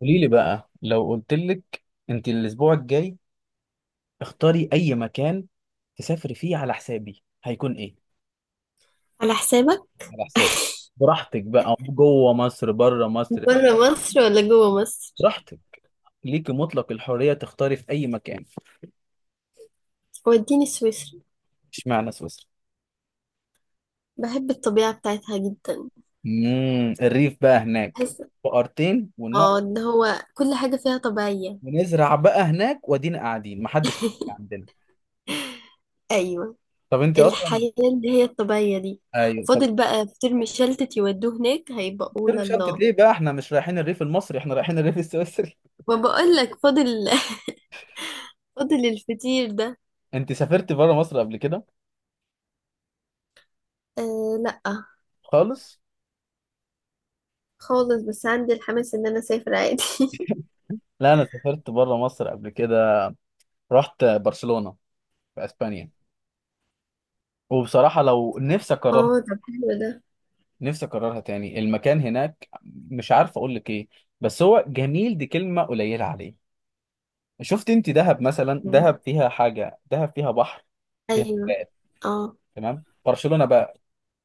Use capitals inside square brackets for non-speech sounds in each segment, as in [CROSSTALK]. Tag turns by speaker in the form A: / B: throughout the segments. A: قولي لي بقى، لو قلت لك انت الاسبوع الجاي اختاري اي مكان تسافري فيه على حسابي، هيكون ايه؟
B: على حسابك.
A: على حسابي. براحتك بقى، جوه مصر بره مصر.
B: بره مصر ولا جوه مصر؟
A: براحتك. ليكي مطلق الحرية تختاري في اي مكان.
B: وديني سويسرا.
A: اشمعنى سويسرا؟
B: بحب الطبيعة بتاعتها جدا.
A: الريف بقى هناك.
B: بحس
A: بقرتين ونقعد
B: اه ان هو كل حاجة فيها طبيعية.
A: ونزرع بقى هناك، وادينا قاعدين محدش
B: [LAUGHS]
A: عندنا.
B: ايوه.
A: طب انت اصلا.
B: الحياة اللي هي الطبيعية دي.
A: ايوه طب.
B: فاضل بقى في ترم شلتت يودوه هناك هيبقى قول
A: مش شنطة
B: الله.
A: ليه بقى، احنا مش رايحين الريف المصري، احنا رايحين الريف السويسري.
B: وبقول لك فاضل. [LAUGHS] فاضل الفطير ده.
A: انت سافرت بره مصر قبل كده؟
B: آه لا،
A: خالص؟
B: خالص. بس عندي الحماس ان انا اسافر عادي.
A: لا، انا سافرت بره مصر قبل كده. رحت برشلونة في اسبانيا. وبصراحة لو نفسي
B: [LAUGHS]
A: اكررها،
B: اه طب حلو ده.
A: نفسي اكررها تاني. المكان هناك مش عارف اقول لك ايه، بس هو جميل، دي كلمة قليلة عليه. شفت انت دهب مثلا؟
B: مم.
A: دهب فيها حاجة، دهب فيها بحر، فيها
B: ايوه.
A: جبال.
B: اه
A: تمام، برشلونة بقى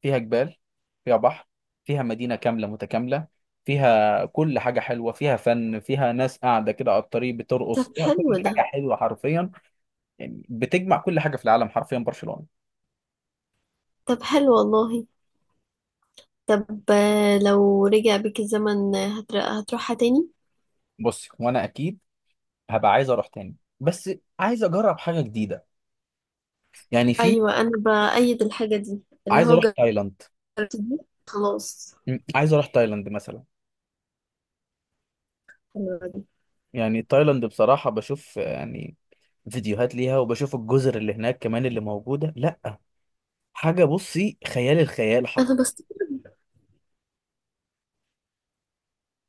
A: فيها جبال، فيها بحر، فيها مدينة كاملة متكاملة، فيها كل حاجة حلوة، فيها فن، فيها ناس قاعدة كده على الطريق بترقص،
B: طب
A: فيها كل
B: حلو ده.
A: حاجة حلوة حرفيا. يعني بتجمع كل حاجه في العالم حرفيا، برشلونه.
B: طب حلو والله. طب لو رجع بيك الزمن هتروحها تاني؟
A: بص، وانا اكيد هبقى عايز اروح تاني، بس عايز اجرب حاجه جديده. يعني في.
B: ايوه، انا بأيد الحاجه دي اللي
A: عايز
B: هو.
A: اروح تايلاند.
B: جربت دي، خلاص.
A: عايز اروح تايلاند مثلا.
B: حلوة دي.
A: يعني تايلاند بصراحه بشوف يعني فيديوهات ليها، وبشوف الجزر اللي هناك كمان اللي موجوده، لا حاجه، بصي خيال، الخيال
B: انا
A: حرفيا.
B: بست.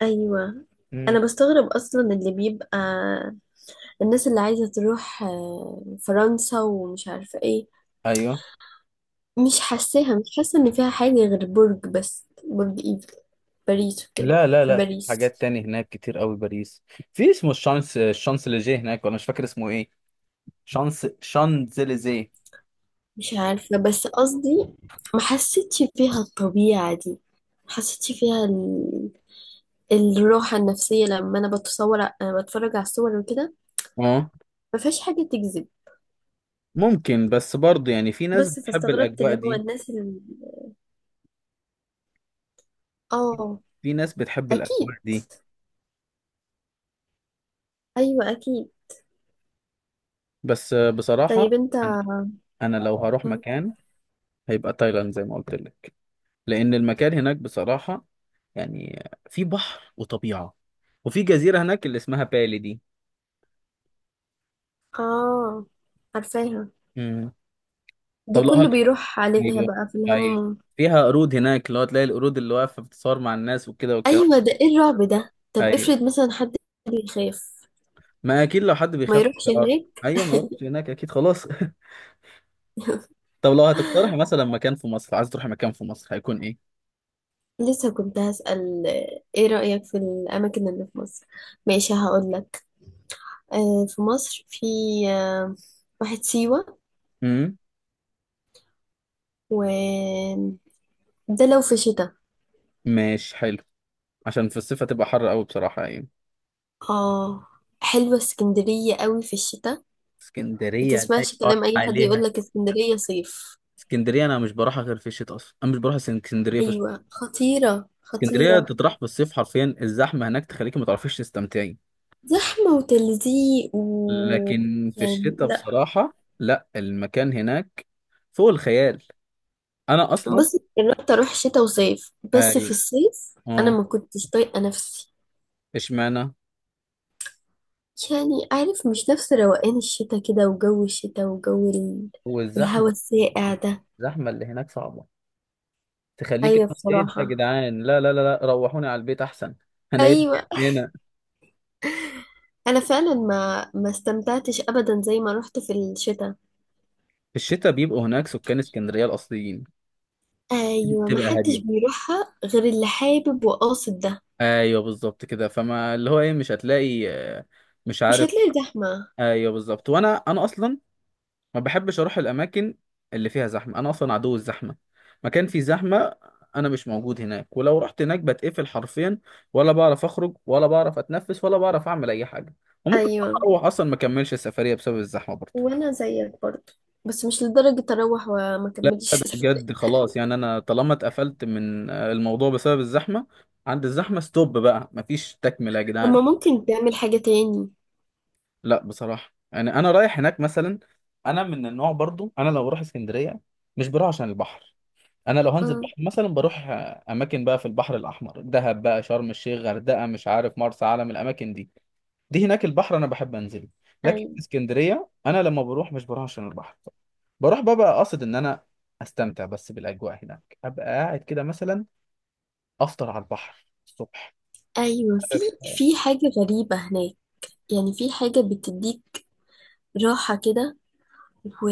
B: ايوه.
A: م،
B: انا بستغرب اصلا اللي بيبقى الناس اللي عايزه تروح فرنسا ومش عارفه ايه.
A: ايوه.
B: مش حاساها، مش حاسه ان فيها حاجه غير برج، بس برج ايفل، باريس وكده.
A: لا لا
B: في
A: لا، في
B: باريس.
A: حاجات تاني هناك كتير قوي، باريس. في اسمه الشانس، الشانسليزيه هناك، ولا مش فاكر اسمه ايه. شانس شانزليزيه.
B: مش عارفه، بس قصدي ما حسيتش فيها الطبيعه دي. ما حسيتش فيها الراحة النفسية، لما أنا بتصور، أنا بتفرج على الصور وكده.
A: اه،
B: مفيهاش حاجة تجذب.
A: ممكن بس برضه، يعني في ناس
B: بس
A: بتحب
B: فاستغربت
A: الأجواء
B: اللي هو
A: دي.
B: الناس اللي آه.
A: في ناس بتحب
B: أكيد.
A: الأجواء دي،
B: أيوة أكيد.
A: بس
B: طيب
A: بصراحة
B: أنت؟
A: أنا أنا لو هروح
B: مم.
A: مكان هيبقى تايلاند زي ما قلت لك، لأن المكان هناك بصراحة يعني في بحر وطبيعة، وفي جزيرة هناك اللي اسمها بالي دي.
B: آه. عارفاها.
A: مم. طب
B: دي
A: لو
B: كله بيروح عليها
A: أيوه.
B: بقى في
A: أيوه،
B: الهونيمون.
A: فيها قرود هناك اللي هو تلاقي القرود اللي واقفة بتتصور مع الناس وكده والكلام.
B: أيوة ده إيه الرعب ده؟ طب
A: أيوه،
B: افرض مثلا حد بيخاف.
A: ما أكيد لو حد
B: ما
A: بيخاف من
B: يروحش
A: الحوار.
B: هناك.
A: أيوه ما يروحش هناك أكيد، خلاص. [LAUGHS] طب لو هتقترحي مثلا مكان في مصر، عايز تروحي مكان في مصر هيكون إيه؟
B: لسه كنت هسأل إيه رأيك في الأماكن اللي في مصر. ماشي هقولك. آه، في مصر في، آه واحد سيوة،
A: امم
B: و ده لو في شتاء.
A: ماشي حلو، عشان في الصيف هتبقى حر قوي بصراحة يعني.
B: اه، حلوة اسكندرية قوي في الشتاء. ما
A: اسكندرية لا
B: تسمعش
A: يقال
B: كلام اي حد
A: عليها.
B: يقولك اسكندرية صيف.
A: اسكندرية انا مش بروحها غير في الشتاء، اصلا انا مش بروح اسكندرية في الشتاء.
B: ايوه، خطيرة
A: اسكندرية
B: خطيرة.
A: تطرح في الصيف حرفيا، الزحمة هناك تخليكي ما تعرفيش تستمتعي.
B: زحمة وتلزيق و
A: لكن في
B: يعني
A: الشتاء
B: لا.
A: بصراحة لا، المكان هناك فوق الخيال. انا اصلا.
B: بس جربت اروح شتاء وصيف، بس في
A: اي.
B: الصيف انا
A: اه.
B: ما كنتش طايقة نفسي.
A: اشمعنى.
B: يعني عارف، مش نفس روقان الشتاء كده، وجو الشتاء، وجو الهوا
A: والزحمة.
B: الساقع ده.
A: الزحمة اللي هناك صعبة تخليك.
B: ايوه
A: ايه ده يا
B: بصراحة.
A: جدعان؟ لا لا لا لا، روحوني على البيت احسن. هنعيش.
B: ايوه انا فعلا ما استمتعتش ابدا زي ما رحت في الشتاء.
A: في الشتاء بيبقوا هناك سكان اسكندرية الأصليين،
B: ايوه، ما
A: بتبقى
B: حدش
A: هادية.
B: بيروحها غير اللي حابب وقاصد ده.
A: أيوه بالظبط كده. فما اللي هو إيه، مش هتلاقي مش
B: مش
A: عارف.
B: هتلاقي زحمه.
A: أيوه بالظبط. وأنا أصلا ما بحبش أروح الأماكن اللي فيها زحمة، أنا أصلا عدو الزحمة. مكان فيه زحمة أنا مش موجود هناك. ولو رحت هناك بتقفل حرفيا، ولا بعرف أخرج ولا بعرف أتنفس ولا بعرف أعمل أي حاجة. وممكن
B: ايوه،
A: أروح أصلا ما أكملش السفرية بسبب الزحمة برضه.
B: وانا زيك برضه، بس مش لدرجه اروح وما
A: لا ده
B: كملش. [LAUGHS]
A: بجد خلاص، يعني انا طالما اتقفلت من الموضوع بسبب الزحمه، عند الزحمه ستوب بقى، مفيش تكمله يا
B: طب
A: جدعان.
B: ما ممكن تعمل حاجه تاني.
A: لا بصراحه يعني انا رايح هناك مثلا، انا من النوع برضو، انا لو بروح اسكندريه مش بروح عشان البحر. انا لو هنزل
B: امم
A: بحر مثلا بروح اماكن بقى في البحر الاحمر، دهب بقى، شرم الشيخ، غردقه، مش عارف مرسى علم، الاماكن دي دي هناك البحر انا بحب انزله. لكن في
B: ايوه.
A: اسكندريه انا لما بروح مش بروح عشان البحر، بروح بقى قاصد ان انا استمتع بس بالاجواء هناك، ابقى قاعد كده مثلا افطر على البحر الصبح.
B: ايوه في
A: عارف.
B: في حاجه غريبه هناك. يعني في حاجه بتديك راحه كده و...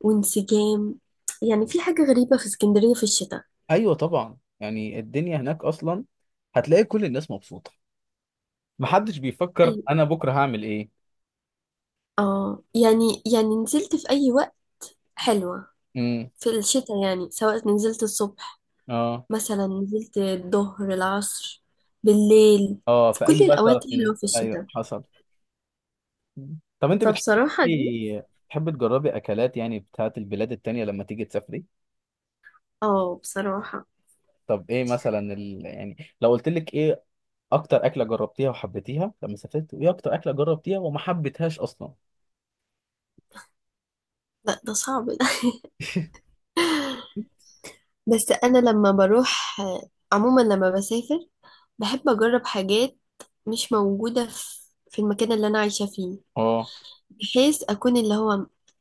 B: وانسجام. يعني في حاجه غريبه في اسكندريه في الشتاء.
A: ايوه طبعا، يعني الدنيا هناك اصلا هتلاقي كل الناس مبسوطه، محدش بيفكر
B: ايوه.
A: انا بكره هعمل ايه.
B: اه، يعني نزلت في اي وقت حلوة
A: امم
B: في الشتاء. يعني سواء نزلت الصبح،
A: اه.
B: مثلا نزلت الظهر، العصر، بالليل،
A: اه،
B: في
A: في
B: كل
A: اي وقت تعرف
B: الأوقات
A: تنزل.
B: حلوة في
A: ايوه
B: الشتاء.
A: حصل. طب انت
B: فبصراحة دي.
A: بتحب تجربي اكلات يعني بتاعت البلاد التانية لما تيجي تسافري؟
B: اه بصراحة.
A: طب ايه مثلا يعني لو قلت لك ايه اكتر اكله جربتيها وحبيتيها لما سافرت، وايه اكتر اكله جربتيها وما حبيتهاش اصلا؟
B: لا ده صعب ده. [LAUGHS] بس أنا لما بروح، عموما لما بسافر، بحب أجرب حاجات مش موجودة في المكان اللي أنا عايشة فيه.
A: اه،
B: بحيث أكون اللي هو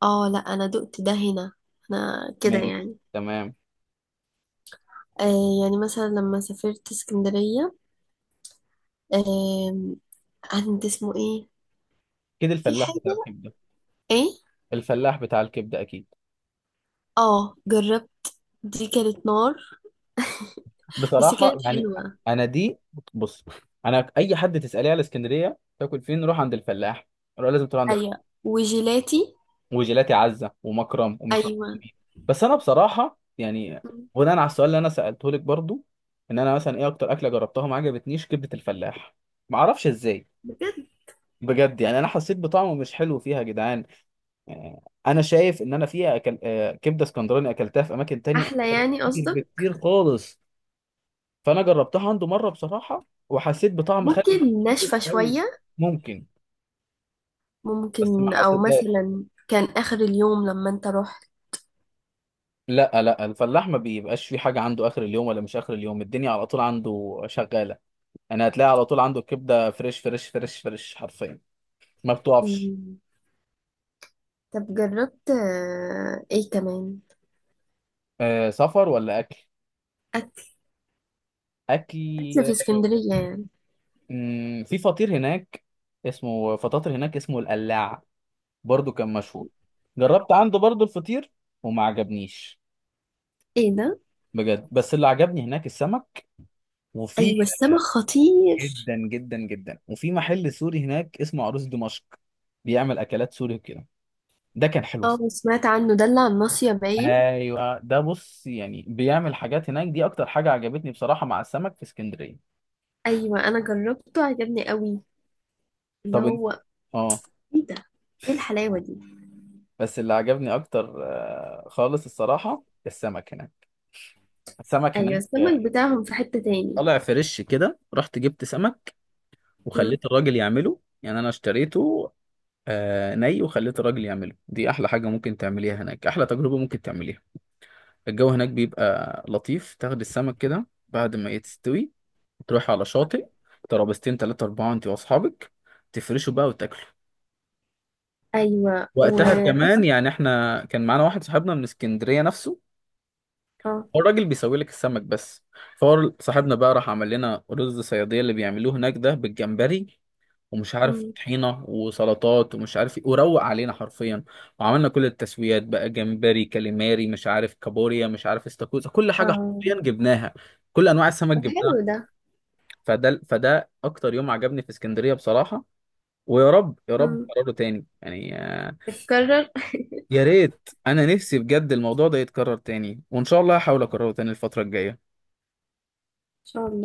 B: اه، لا أنا دقت ده هنا أنا كده
A: ماشي
B: يعني.
A: تمام.
B: آه يعني مثلا لما سافرت اسكندرية، آه عند اسمه ايه،
A: كده
B: في
A: الفلاح
B: حاجة
A: بتاع الحب.
B: ايه.
A: الفلاح بتاع الكبده اكيد.
B: اه جربت، دي كانت نار، بس
A: بصراحه
B: كانت
A: يعني
B: حلوة.
A: انا دي. بص، انا اي حد تساليه على اسكندريه تاكل فين، روح عند الفلاح. روح، لازم تروح عند
B: ايوه
A: الفلاح.
B: وجيلاتي.
A: وجيلاتي عزه ومكرم ومش عارف
B: ايوه
A: مين. بس انا بصراحه يعني بناء على السؤال اللي انا سالته لك برضو، ان انا مثلا ايه اكتر اكله جربتها ما عجبتنيش، كبده الفلاح. ما اعرفش ازاي.
B: بجد،
A: بجد، يعني انا حسيت بطعمه مش حلو فيها يا جدعان. آه، انا شايف ان انا فيها أكل... آه، كبده اسكندراني اكلتها في اماكن تانية
B: احلى يعني
A: كتير
B: قصدك.
A: بكتير خالص. فانا جربتها عنده مره بصراحه، وحسيت بطعم خل
B: ممكن
A: كتير
B: ناشفة
A: قوي.
B: شوية.
A: ممكن، بس ما
B: ممكن، او
A: حسيتهاش.
B: مثلا كان اخر اليوم لما انت رحت.
A: لا لا، الفلاح ما بيبقاش في حاجه عنده اخر اليوم، ولا مش اخر اليوم، الدنيا على طول عنده شغاله. انا هتلاقي على طول عنده الكبده فريش فريش فريش فريش حرفيا، ما بتقفش.
B: مم. طب جربت ايه كمان.
A: أه سفر ولا اكل؟
B: اكل.
A: اكل.
B: اكل في اسكندرية يعني.
A: في فطير هناك اسمه فطاطر، هناك اسمه القلاع، برضو كان مشهور. جربت عنده برضو الفطير وما عجبنيش
B: ايه ده؟
A: بجد. بس اللي عجبني هناك السمك. وفي،
B: ايوه السمك خطير.
A: جدا جدا جدا، وفي محل سوري هناك اسمه عروس دمشق، بيعمل اكلات سوري وكده، ده كان حلو.
B: اه، سمعت عنه ده اللي على الناصية باين.
A: ايوه ده، بص يعني بيعمل حاجات هناك، دي اكتر حاجه عجبتني بصراحه مع السمك في اسكندريه.
B: ايوه انا جربته عجبني قوي اللي
A: طب انت.
B: هو.
A: اه.
B: ايه ده؟ ايه الحلاوة دي؟
A: بس اللي عجبني اكتر خالص الصراحه، السمك هناك. السمك
B: ايوه
A: هناك
B: السمك بتاعهم في حتة تاني.
A: طالع فريش كده، رحت جبت سمك
B: مم.
A: وخليت الراجل يعمله، يعني انا اشتريته ني، وخليت الراجل يعمله. دي احلى حاجه ممكن تعمليها هناك، احلى تجربه ممكن تعمليها. الجو هناك بيبقى لطيف، تاخد السمك كده بعد ما يتستوي، تروح على شاطئ، ترابيزتين تلاتة أربعة أنت وأصحابك، تفرشوا بقى وتاكلوا.
B: ايوه و
A: وقتها كمان، يعني احنا كان معانا واحد صاحبنا من اسكندرية نفسه،
B: اه
A: هو الراجل بيسوي لك السمك بس، فهو صاحبنا بقى راح عمل لنا رز صيادية اللي بيعملوه هناك ده بالجمبري، ومش عارف
B: مم.
A: طحينه وسلطات ومش عارف ايه، وروق علينا حرفيا. وعملنا كل التسويات بقى، جمبري كاليماري مش عارف كابوريا مش عارف استاكوزا، كل حاجه
B: اه
A: حرفيا جبناها، كل انواع السمك
B: طب
A: جبناها.
B: حلو ده.
A: فده اكتر يوم عجبني في اسكندريه بصراحه. ويا رب يا رب
B: مم.
A: قراره تاني، يعني
B: اتكرر ان
A: يا ريت انا نفسي بجد الموضوع ده يتكرر تاني، وان شاء الله هحاول اكرره تاني الفتره الجايه.
B: شاء الله.